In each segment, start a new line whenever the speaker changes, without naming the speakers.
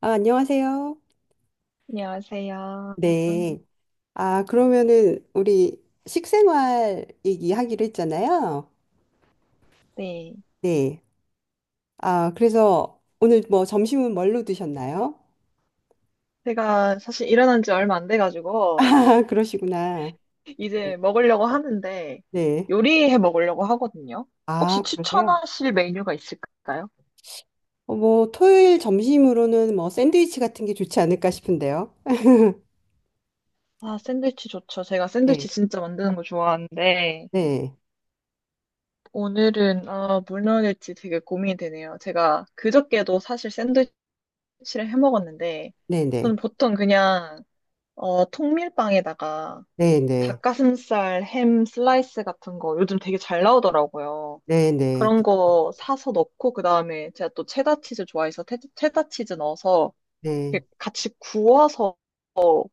아, 안녕하세요.
안녕하세요.
네. 아, 그러면은 우리 식생활 얘기하기로 했잖아요.
네.
네. 아, 그래서 오늘 뭐 점심은 뭘로 드셨나요?
제가 사실 일어난 지 얼마 안 돼가지고,
아, 그러시구나. 네.
이제 먹으려고 하는데,
네.
요리해 먹으려고 하거든요. 혹시
아, 그러세요?
추천하실 메뉴가 있을까요?
뭐 토요일 점심으로는 뭐 샌드위치 같은 게 좋지 않을까 싶은데요.
아, 샌드위치 좋죠. 제가 샌드위치
네.
진짜 만드는 거 좋아하는데,
네.
오늘은, 아, 뭘 넣을지 되게 고민이 되네요. 제가 그저께도 사실 샌드위치를 해 먹었는데,
네, 네.
저는 보통 그냥, 통밀빵에다가
네, 네.
닭가슴살, 햄 슬라이스 같은 거 요즘 되게 잘 나오더라고요.
네, 네.
그런
그렇죠.
거 사서 넣고 그다음에 제가 또 체다 치즈 좋아해서 체다 치즈 넣어서
네.
이렇게 같이 구워서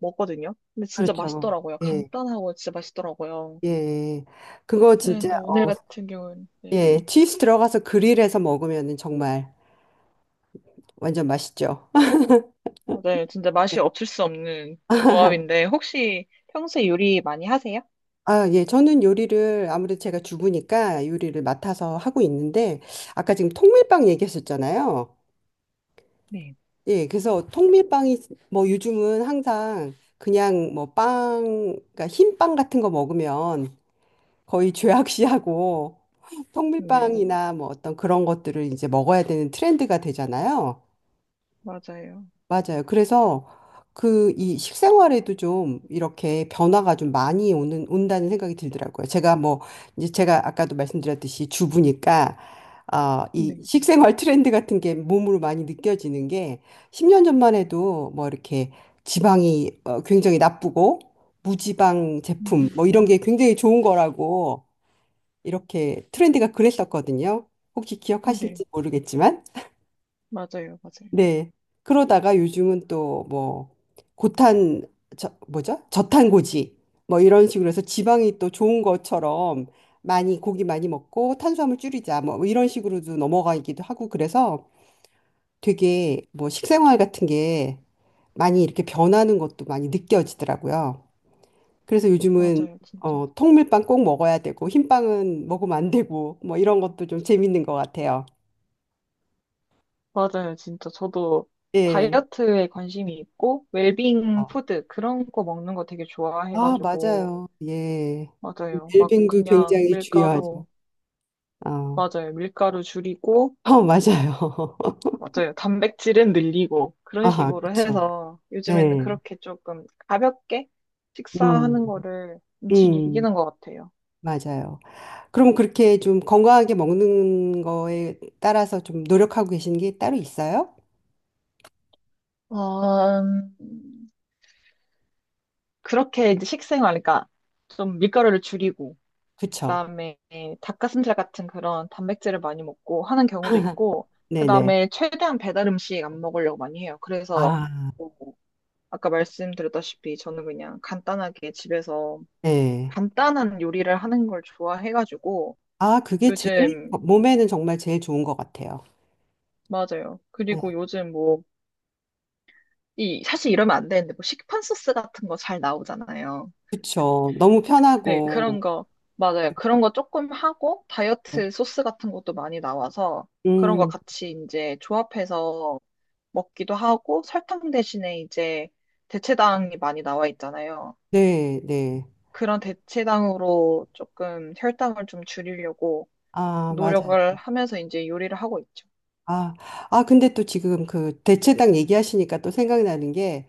먹거든요. 근데 진짜
그렇죠.
맛있더라고요.
예.
간단하고 진짜 맛있더라고요.
예. 그거
네,
진짜
근데 오늘 같은 경우는 네.
예, 치즈 들어가서 그릴해서 먹으면 정말 완전 맛있죠.
아, 네, 진짜 맛이 없을 수 없는 조합인데 혹시 평소에 요리 많이 하세요?
아, 예, 저는 요리를 아무래도 제가 주부니까 요리를 맡아서 하고 있는데 아까 지금 통밀빵 얘기하셨잖아요.
네.
예, 그래서 통밀빵이 뭐 요즘은 항상 그냥 뭐 빵, 그러니까 흰빵 같은 거 먹으면 거의 죄악시하고
네,
통밀빵이나 뭐 어떤 그런 것들을 이제 먹어야 되는 트렌드가 되잖아요.
맞아요.
맞아요. 그래서 그 이 식생활에도 좀 이렇게 변화가 좀 많이 오는 온다는 생각이 들더라고요. 제가 뭐 이제 제가 아까도 말씀드렸듯이 주부니까 이
네.
식생활 트렌드 같은 게 몸으로 많이 느껴지는 게 10년 전만 해도 뭐 이렇게 지방이 굉장히 나쁘고 무지방 제품
음,
뭐 이런 게 굉장히 좋은 거라고 이렇게 트렌드가 그랬었거든요. 혹시
네,
기억하실지 모르겠지만
맞아요, 맞아요.
네. 그러다가 요즘은 또 뭐 고탄 뭐죠? 저탄고지 뭐 이런 식으로 해서 지방이 또 좋은 것처럼 많이 고기 많이 먹고 탄수화물 줄이자 뭐 이런 식으로도 넘어가기도 하고 그래서 되게 뭐 식생활 같은 게 많이 이렇게 변하는 것도 많이 느껴지더라고요. 그래서 요즘은
맞아요, 진짜.
통밀빵 꼭 먹어야 되고 흰빵은 먹으면 안 되고 뭐 이런 것도 좀 재밌는 것 같아요.
맞아요, 진짜. 저도
예.
다이어트에 관심이 있고, 웰빙 푸드, 그런 거 먹는 거 되게
아,
좋아해가지고,
맞아요. 예.
맞아요. 막
웰빙도
그냥
굉장히
밀가루,
중요하죠. 아,
맞아요. 밀가루 줄이고,
어, 맞아요.
맞아요. 단백질은 늘리고, 그런
아,
식으로
그쵸.
해서 요즘에는
네.
그렇게 조금 가볍게
음,
식사하는 거를 좀
음,
즐기는 것 같아요.
맞아요. 그럼 그렇게 좀 건강하게 먹는 거에 따라서 좀 노력하고 계신 게 따로 있어요?
어, 음, 그렇게 이제 식생활, 그러니까 좀 밀가루를 줄이고,
그쵸.
그다음에 닭가슴살 같은 그런 단백질을 많이 먹고 하는 경우도 있고,
네네.
그다음에 최대한 배달 음식 안 먹으려고 많이 해요. 그래서
아,
뭐 아까 말씀드렸다시피 저는 그냥 간단하게 집에서
네.
간단한 요리를 하는 걸 좋아해가지고
아, 그게 제일,
요즘
몸에는 정말 제일 좋은 것 같아요.
맞아요.
네.
그리고 요즘 뭐 이 사실 이러면 안 되는데 뭐 시판 소스 같은 거 잘 나오잖아요.
그쵸. 너무
네,
편하고.
그런 거, 맞아요. 그런 거 조금 하고,
네.
다이어트 소스 같은 것도 많이 나와서, 그런 거
음,
같이 이제 조합해서 먹기도 하고, 설탕 대신에 이제 대체당이 많이 나와 있잖아요.
네, 네.
그런 대체당으로 조금 혈당을 좀 줄이려고
아, 맞아요.
노력을 하면서 이제 요리를 하고 있죠.
아, 아, 근데 또 지금 그 대체당 얘기하시니까 또 생각나는 게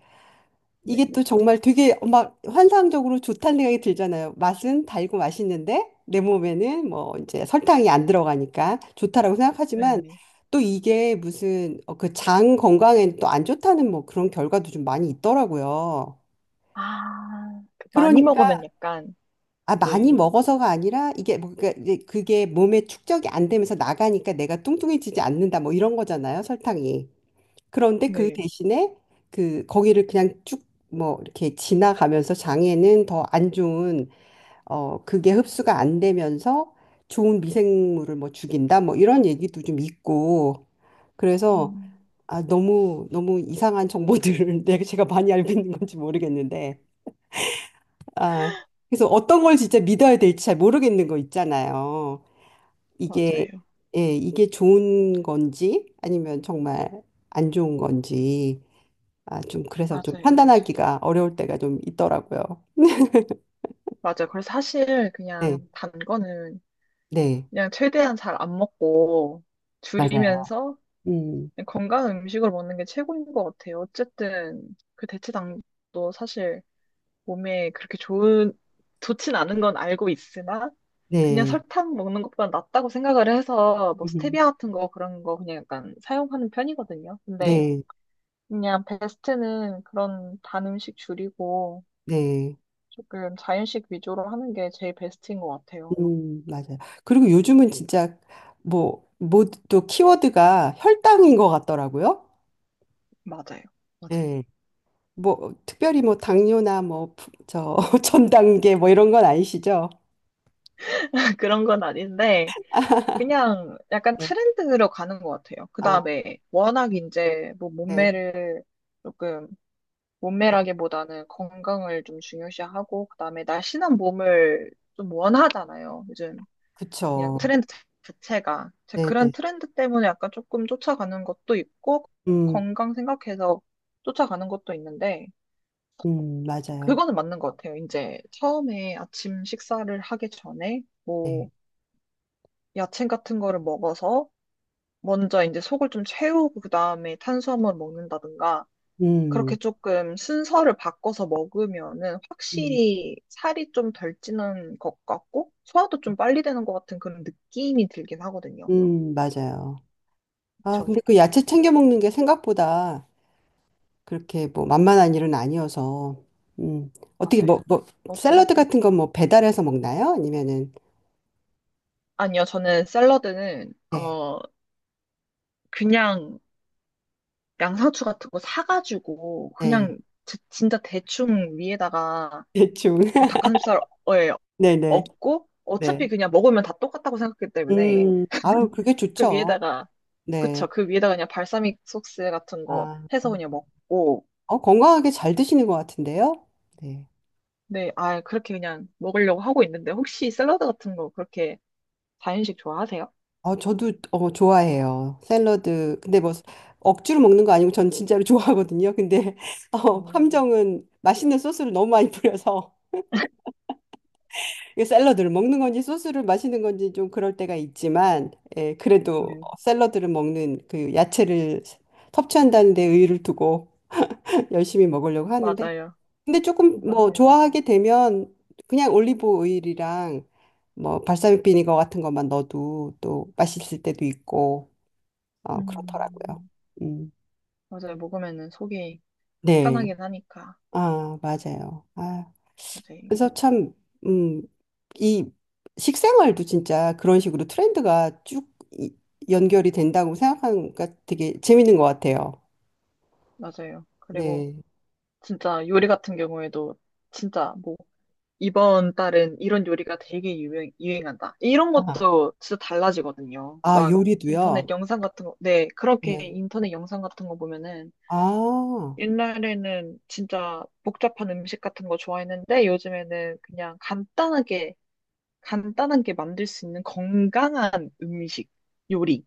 네.
이게 또 정말 되게 막 환상적으로 좋다는 생각이 들잖아요. 맛은 달고 맛있는데 내 몸에는 뭐 이제 설탕이 안 들어가니까 좋다라고
네.
생각하지만
네.
또 이게 무슨 그장 건강에 또 안 좋다는 뭐 그런 결과도 좀 많이 있더라고요.
아, 많이
그러니까
먹으면 약간,
아
네,
많이 먹어서가 아니라 이게 뭐 그러니까 이제 그게 몸에 축적이 안 되면서 나가니까 내가 뚱뚱해지지 않는다 뭐 이런 거잖아요 설탕이. 그런데 그
네.
대신에 그 거기를 그냥 쭉 뭐 이렇게 지나가면서 장에는 더 안 좋은 그게 흡수가 안 되면서 좋은 미생물을 뭐 죽인다 뭐 이런 얘기도 좀 있고 그래서
음,
아 너무 너무 이상한 정보들을 내가 제가 많이 알고 있는 건지 모르겠는데 아 그래서 어떤 걸 진짜 믿어야 될지 잘 모르겠는 거 있잖아요. 이게
맞아요.
예, 이게 좋은 건지 아니면 정말 안 좋은 건지 아, 좀 그래서 좀
맞아요, 맞아요.
판단하기가 어려울 때가 좀 있더라고요.
맞아요. 그래서 사실 그냥
네,
단 거는
네,
그냥 최대한 잘 안 먹고
맞아요.
줄이면서
음,
그냥 건강한 음식을 먹는 게 최고인 것 같아요. 어쨌든 그 대체당도 사실 몸에 그렇게 좋은, 좋진 않은 건 알고 있으나 그냥
네,
설탕 먹는 것보다 낫다고 생각을 해서 뭐
음,
스테비아 같은 거 그런 거 그냥 약간 사용하는 편이거든요. 근데
네,
그냥 베스트는 그런 단 음식 줄이고
네,
조금 자연식 위주로 하는 게 제일 베스트인 것 같아요.
맞아요. 그리고 요즘은 진짜 뭐, 뭐또 키워드가 혈당인 것 같더라고요.
맞아요. 맞아요.
네, 뭐 특별히 뭐 당뇨나 전단계 뭐 이런 건 아니시죠?
그런 건 아닌데 그냥 약간
네,
트렌드로 가는 것 같아요. 그
아,
다음에 워낙 이제 뭐
네,
몸매를 조금 몸매라기보다는 건강을 좀 중요시하고 그 다음에 날씬한 몸을 좀 원하잖아요. 요즘 그냥
그쵸.
트렌드 자체가 제
네,
그런
네,
트렌드 때문에 약간 조금 쫓아가는 것도 있고
음,
건강 생각해서 쫓아가는 것도 있는데
맞아요.
그거는 맞는 것 같아요. 이제 처음에 아침 식사를 하기 전에 뭐
네,
야채 같은 거를 먹어서 먼저 이제 속을 좀 채우고 그다음에 탄수화물 먹는다든가
음,
그렇게 조금 순서를 바꿔서 먹으면은
음,
확실히 살이 좀 덜 찌는 것 같고 소화도 좀 빨리 되는 것 같은 그런 느낌이 들긴 하거든요.
맞아요. 아,
그쵸?
근데 그 야채 챙겨 먹는 게 생각보다 그렇게 뭐 만만한 일은 아니어서, 음, 어떻게
맞아요. 어떤?
샐러드 같은 건 뭐 배달해서 먹나요? 아니면은,
아니요, 저는 샐러드는
네,
그냥 양상추 같은 거 사가지고
네,
그냥 진짜 대충 위에다가
대충.
뭐 닭가슴살을
네네,
얹고 어차피
네.
그냥 먹으면 다 똑같다고 생각하기 때문에
아유, 그게
그
좋죠.
위에다가,
네.
그쵸. 그 위에다가 그냥 발사믹 소스 같은 거
아,
해서 그냥 먹고,
어, 건강하게 잘 드시는 것 같은데요? 네.
네, 아, 그렇게 그냥 먹으려고 하고 있는데, 혹시 샐러드 같은 거 그렇게 자연식 좋아하세요?
저도, 좋아해요. 샐러드. 근데 뭐, 억지로 먹는 거 아니고 전 진짜로 좋아하거든요. 근데, 어,
어,
함정은 맛있는 소스를 너무 많이 뿌려서. 이게 샐러드를 먹는 건지 소스를 마시는 건지 좀 그럴 때가 있지만 예, 그래도
네.
샐러드를 먹는 그 야채를 섭취한다는 데 의의를 두고 열심히 먹으려고 하는데
맞아요.
근데 조금 뭐
맞아요.
좋아하게 되면 그냥 올리브 오일이랑 뭐 발사믹 비니거 같은 것만 넣어도 또 맛있을 때도 있고 어, 그렇더라고요.
음,
음.
맞아요. 먹으면은 속이
네.
편하긴 하니까.
아, 맞아요. 아.
맞아요.
그래서 참, 음, 이 식생활도 진짜 그런 식으로 트렌드가 쭉 연결이 된다고 생각하니까 되게 재밌는 것 같아요.
맞아요. 그리고
네.
진짜 요리 같은 경우에도 진짜 뭐 이번 달은 이런 요리가 되게 유행한다. 이런
아,
것도 진짜 달라지거든요.
아,
막 인터넷
요리도요?
영상 같은 거, 네, 그렇게
네.
인터넷 영상 같은 거 보면은
아,
옛날에는 진짜 복잡한 음식 같은 거 좋아했는데 요즘에는 간단하게 만들 수 있는 건강한 음식, 요리.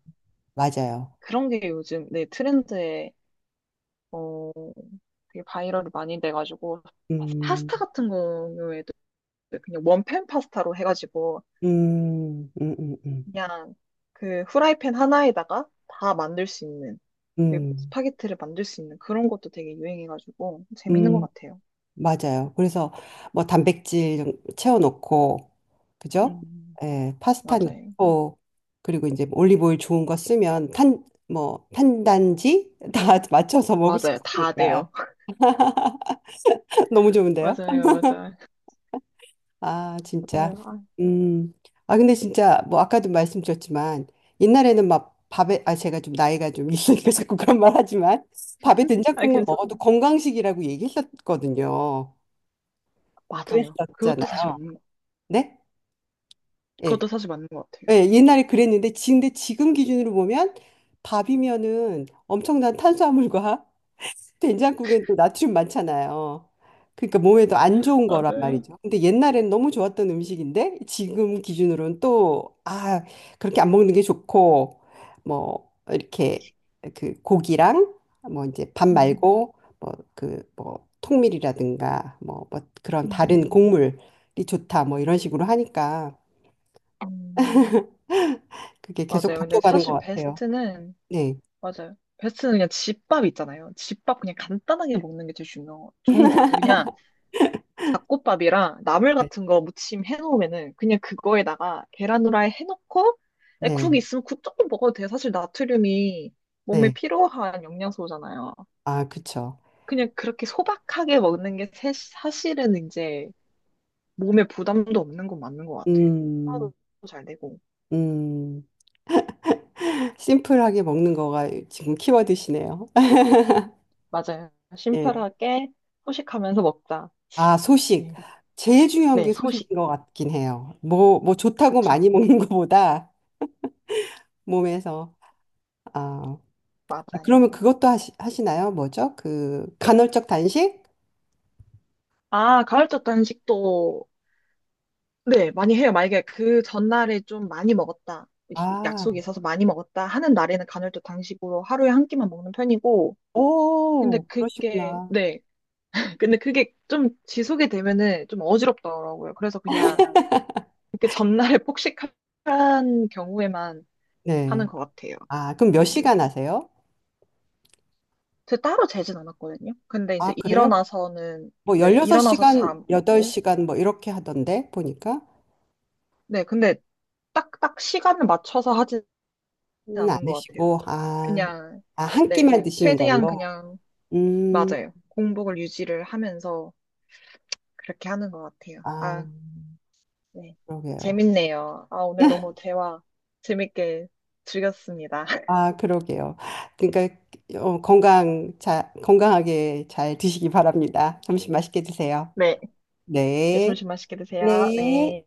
맞아요.
그런 게 요즘, 네, 트렌드에, 어, 되게 바이럴이 많이 돼가지고
음,
파스타 같은 경우에도 그냥 원팬 파스타로 해가지고
음, 음, 음, 음,
그냥 그 후라이팬 하나에다가 다 만들 수 있는, 그
음.
스파게티를 만들 수 있는 그런 것도 되게 유행해가지고 재밌는 것
음.
같아요.
맞아요. 그래서 뭐 단백질 좀 채워놓고, 그죠?
음,
예, 파스타
맞아요.
넣고, 그리고 이제 올리브오일 좋은 거 쓰면 탄단지 다 맞춰서 먹을 수
맞아요. 다
있으니까.
돼요.
너무 좋은데요?
맞아요. 맞아요.
아, 진짜.
맞아요. 아,
음. 아, 근데 진짜 뭐 아까도 말씀드렸지만 아, 제가 좀 나이가 좀 있으니까 자꾸 그런 말 하지만 밥에
아,
된장국만
괜찮?
먹어도 건강식이라고 얘기했었거든요.
맞아요. 그것도 사실
그랬었잖아요.
맞는 거.
네? 예,
그것도 사실 맞는 것 같아요.
예, 옛날에 그랬는데, 근데 지금 기준으로 보면 밥이면은 엄청난 탄수화물과 된장국엔 또 나트륨 많잖아요. 그러니까 몸에도 안 좋은 거란
맞아요.
말이죠. 근데 옛날엔 너무 좋았던 음식인데 지금 기준으로는 또, 아, 그렇게 안 먹는 게 좋고, 뭐, 이렇게 그 고기랑 뭐 이제 밥
음,
말고 통밀이라든가 그런 다른
음,
곡물이 좋다 뭐 이런 식으로 하니까
음.
그게 계속
맞아요. 근데
바뀌어가는 것
사실
같아요.
베스트는
네,
맞아요. 베스트는 그냥 집밥 있잖아요. 집밥 그냥 간단하게 먹는 게 제일 중요, 좋은 것 같아요. 그냥 잡곡밥이랑 나물
네,
같은 거 무침 해놓으면은 그냥 그거에다가 계란 후라이 해놓고 에, 국
네.
있으면 국 조금 먹어도 돼. 사실 나트륨이 몸에
네.
필요한 영양소잖아요.
아, 그쵸.
그냥 그렇게 소박하게 먹는 게 사실은 이제 몸에 부담도 없는 건 맞는 것 같아요.
음,
소화도 잘 되고.
음. 심플하게 먹는 거가 지금 키워드시네요.
맞아요.
예.
심플하게 소식하면서 먹자.
아, 소식.
네,
제일 중요한
네,
게
소식.
소식인 것 같긴 해요. 뭐 좋다고 많이
그쵸.
먹는 것보다 몸에서. 아, 아,
맞아요.
그러면 그것도 하시나요? 뭐죠? 그 간헐적 단식?
아, 가을적 단식도 네, 많이 해요. 만약에 그 전날에 좀 많이 먹었다,
아,
약속이 있어서 많이 먹었다 하는 날에는 간헐적 단식으로 하루에 한 끼만 먹는 편이고,
오, 그러시구나.
네, 근데 그게 좀 지속이 되면은 좀 어지럽더라고요. 그래서 그냥 그렇게 전날에 폭식한 경우에만
네.
하는 것 같아요.
아, 그럼 몇
네.
시간 하세요?
제 따로 재진 않았거든요. 근데
아,
이제
그래요?
일어나서는,
뭐
네, 일어나서 잘
16시간,
안 먹고,
8시간 뭐 이렇게 하던데 보니까.
네, 근데 딱 시간을 맞춰서 하진
는안
않는 것 같아요.
드시고, 아,
그냥,
아, 한
네,
끼만 드시는
최대한
걸로?
그냥,
음,
맞아요. 공복을 유지를 하면서 그렇게 하는 것 같아요.
아,
아, 네.
그러게요.
재밌네요. 아, 오늘 너무 대화 재밌게 즐겼습니다.
아, 그러게요. 그러니까 건강하게 잘 드시기 바랍니다. 점심 맛있게 드세요.
네, 네,
네,
점심 맛있게 드세요.
네.
네.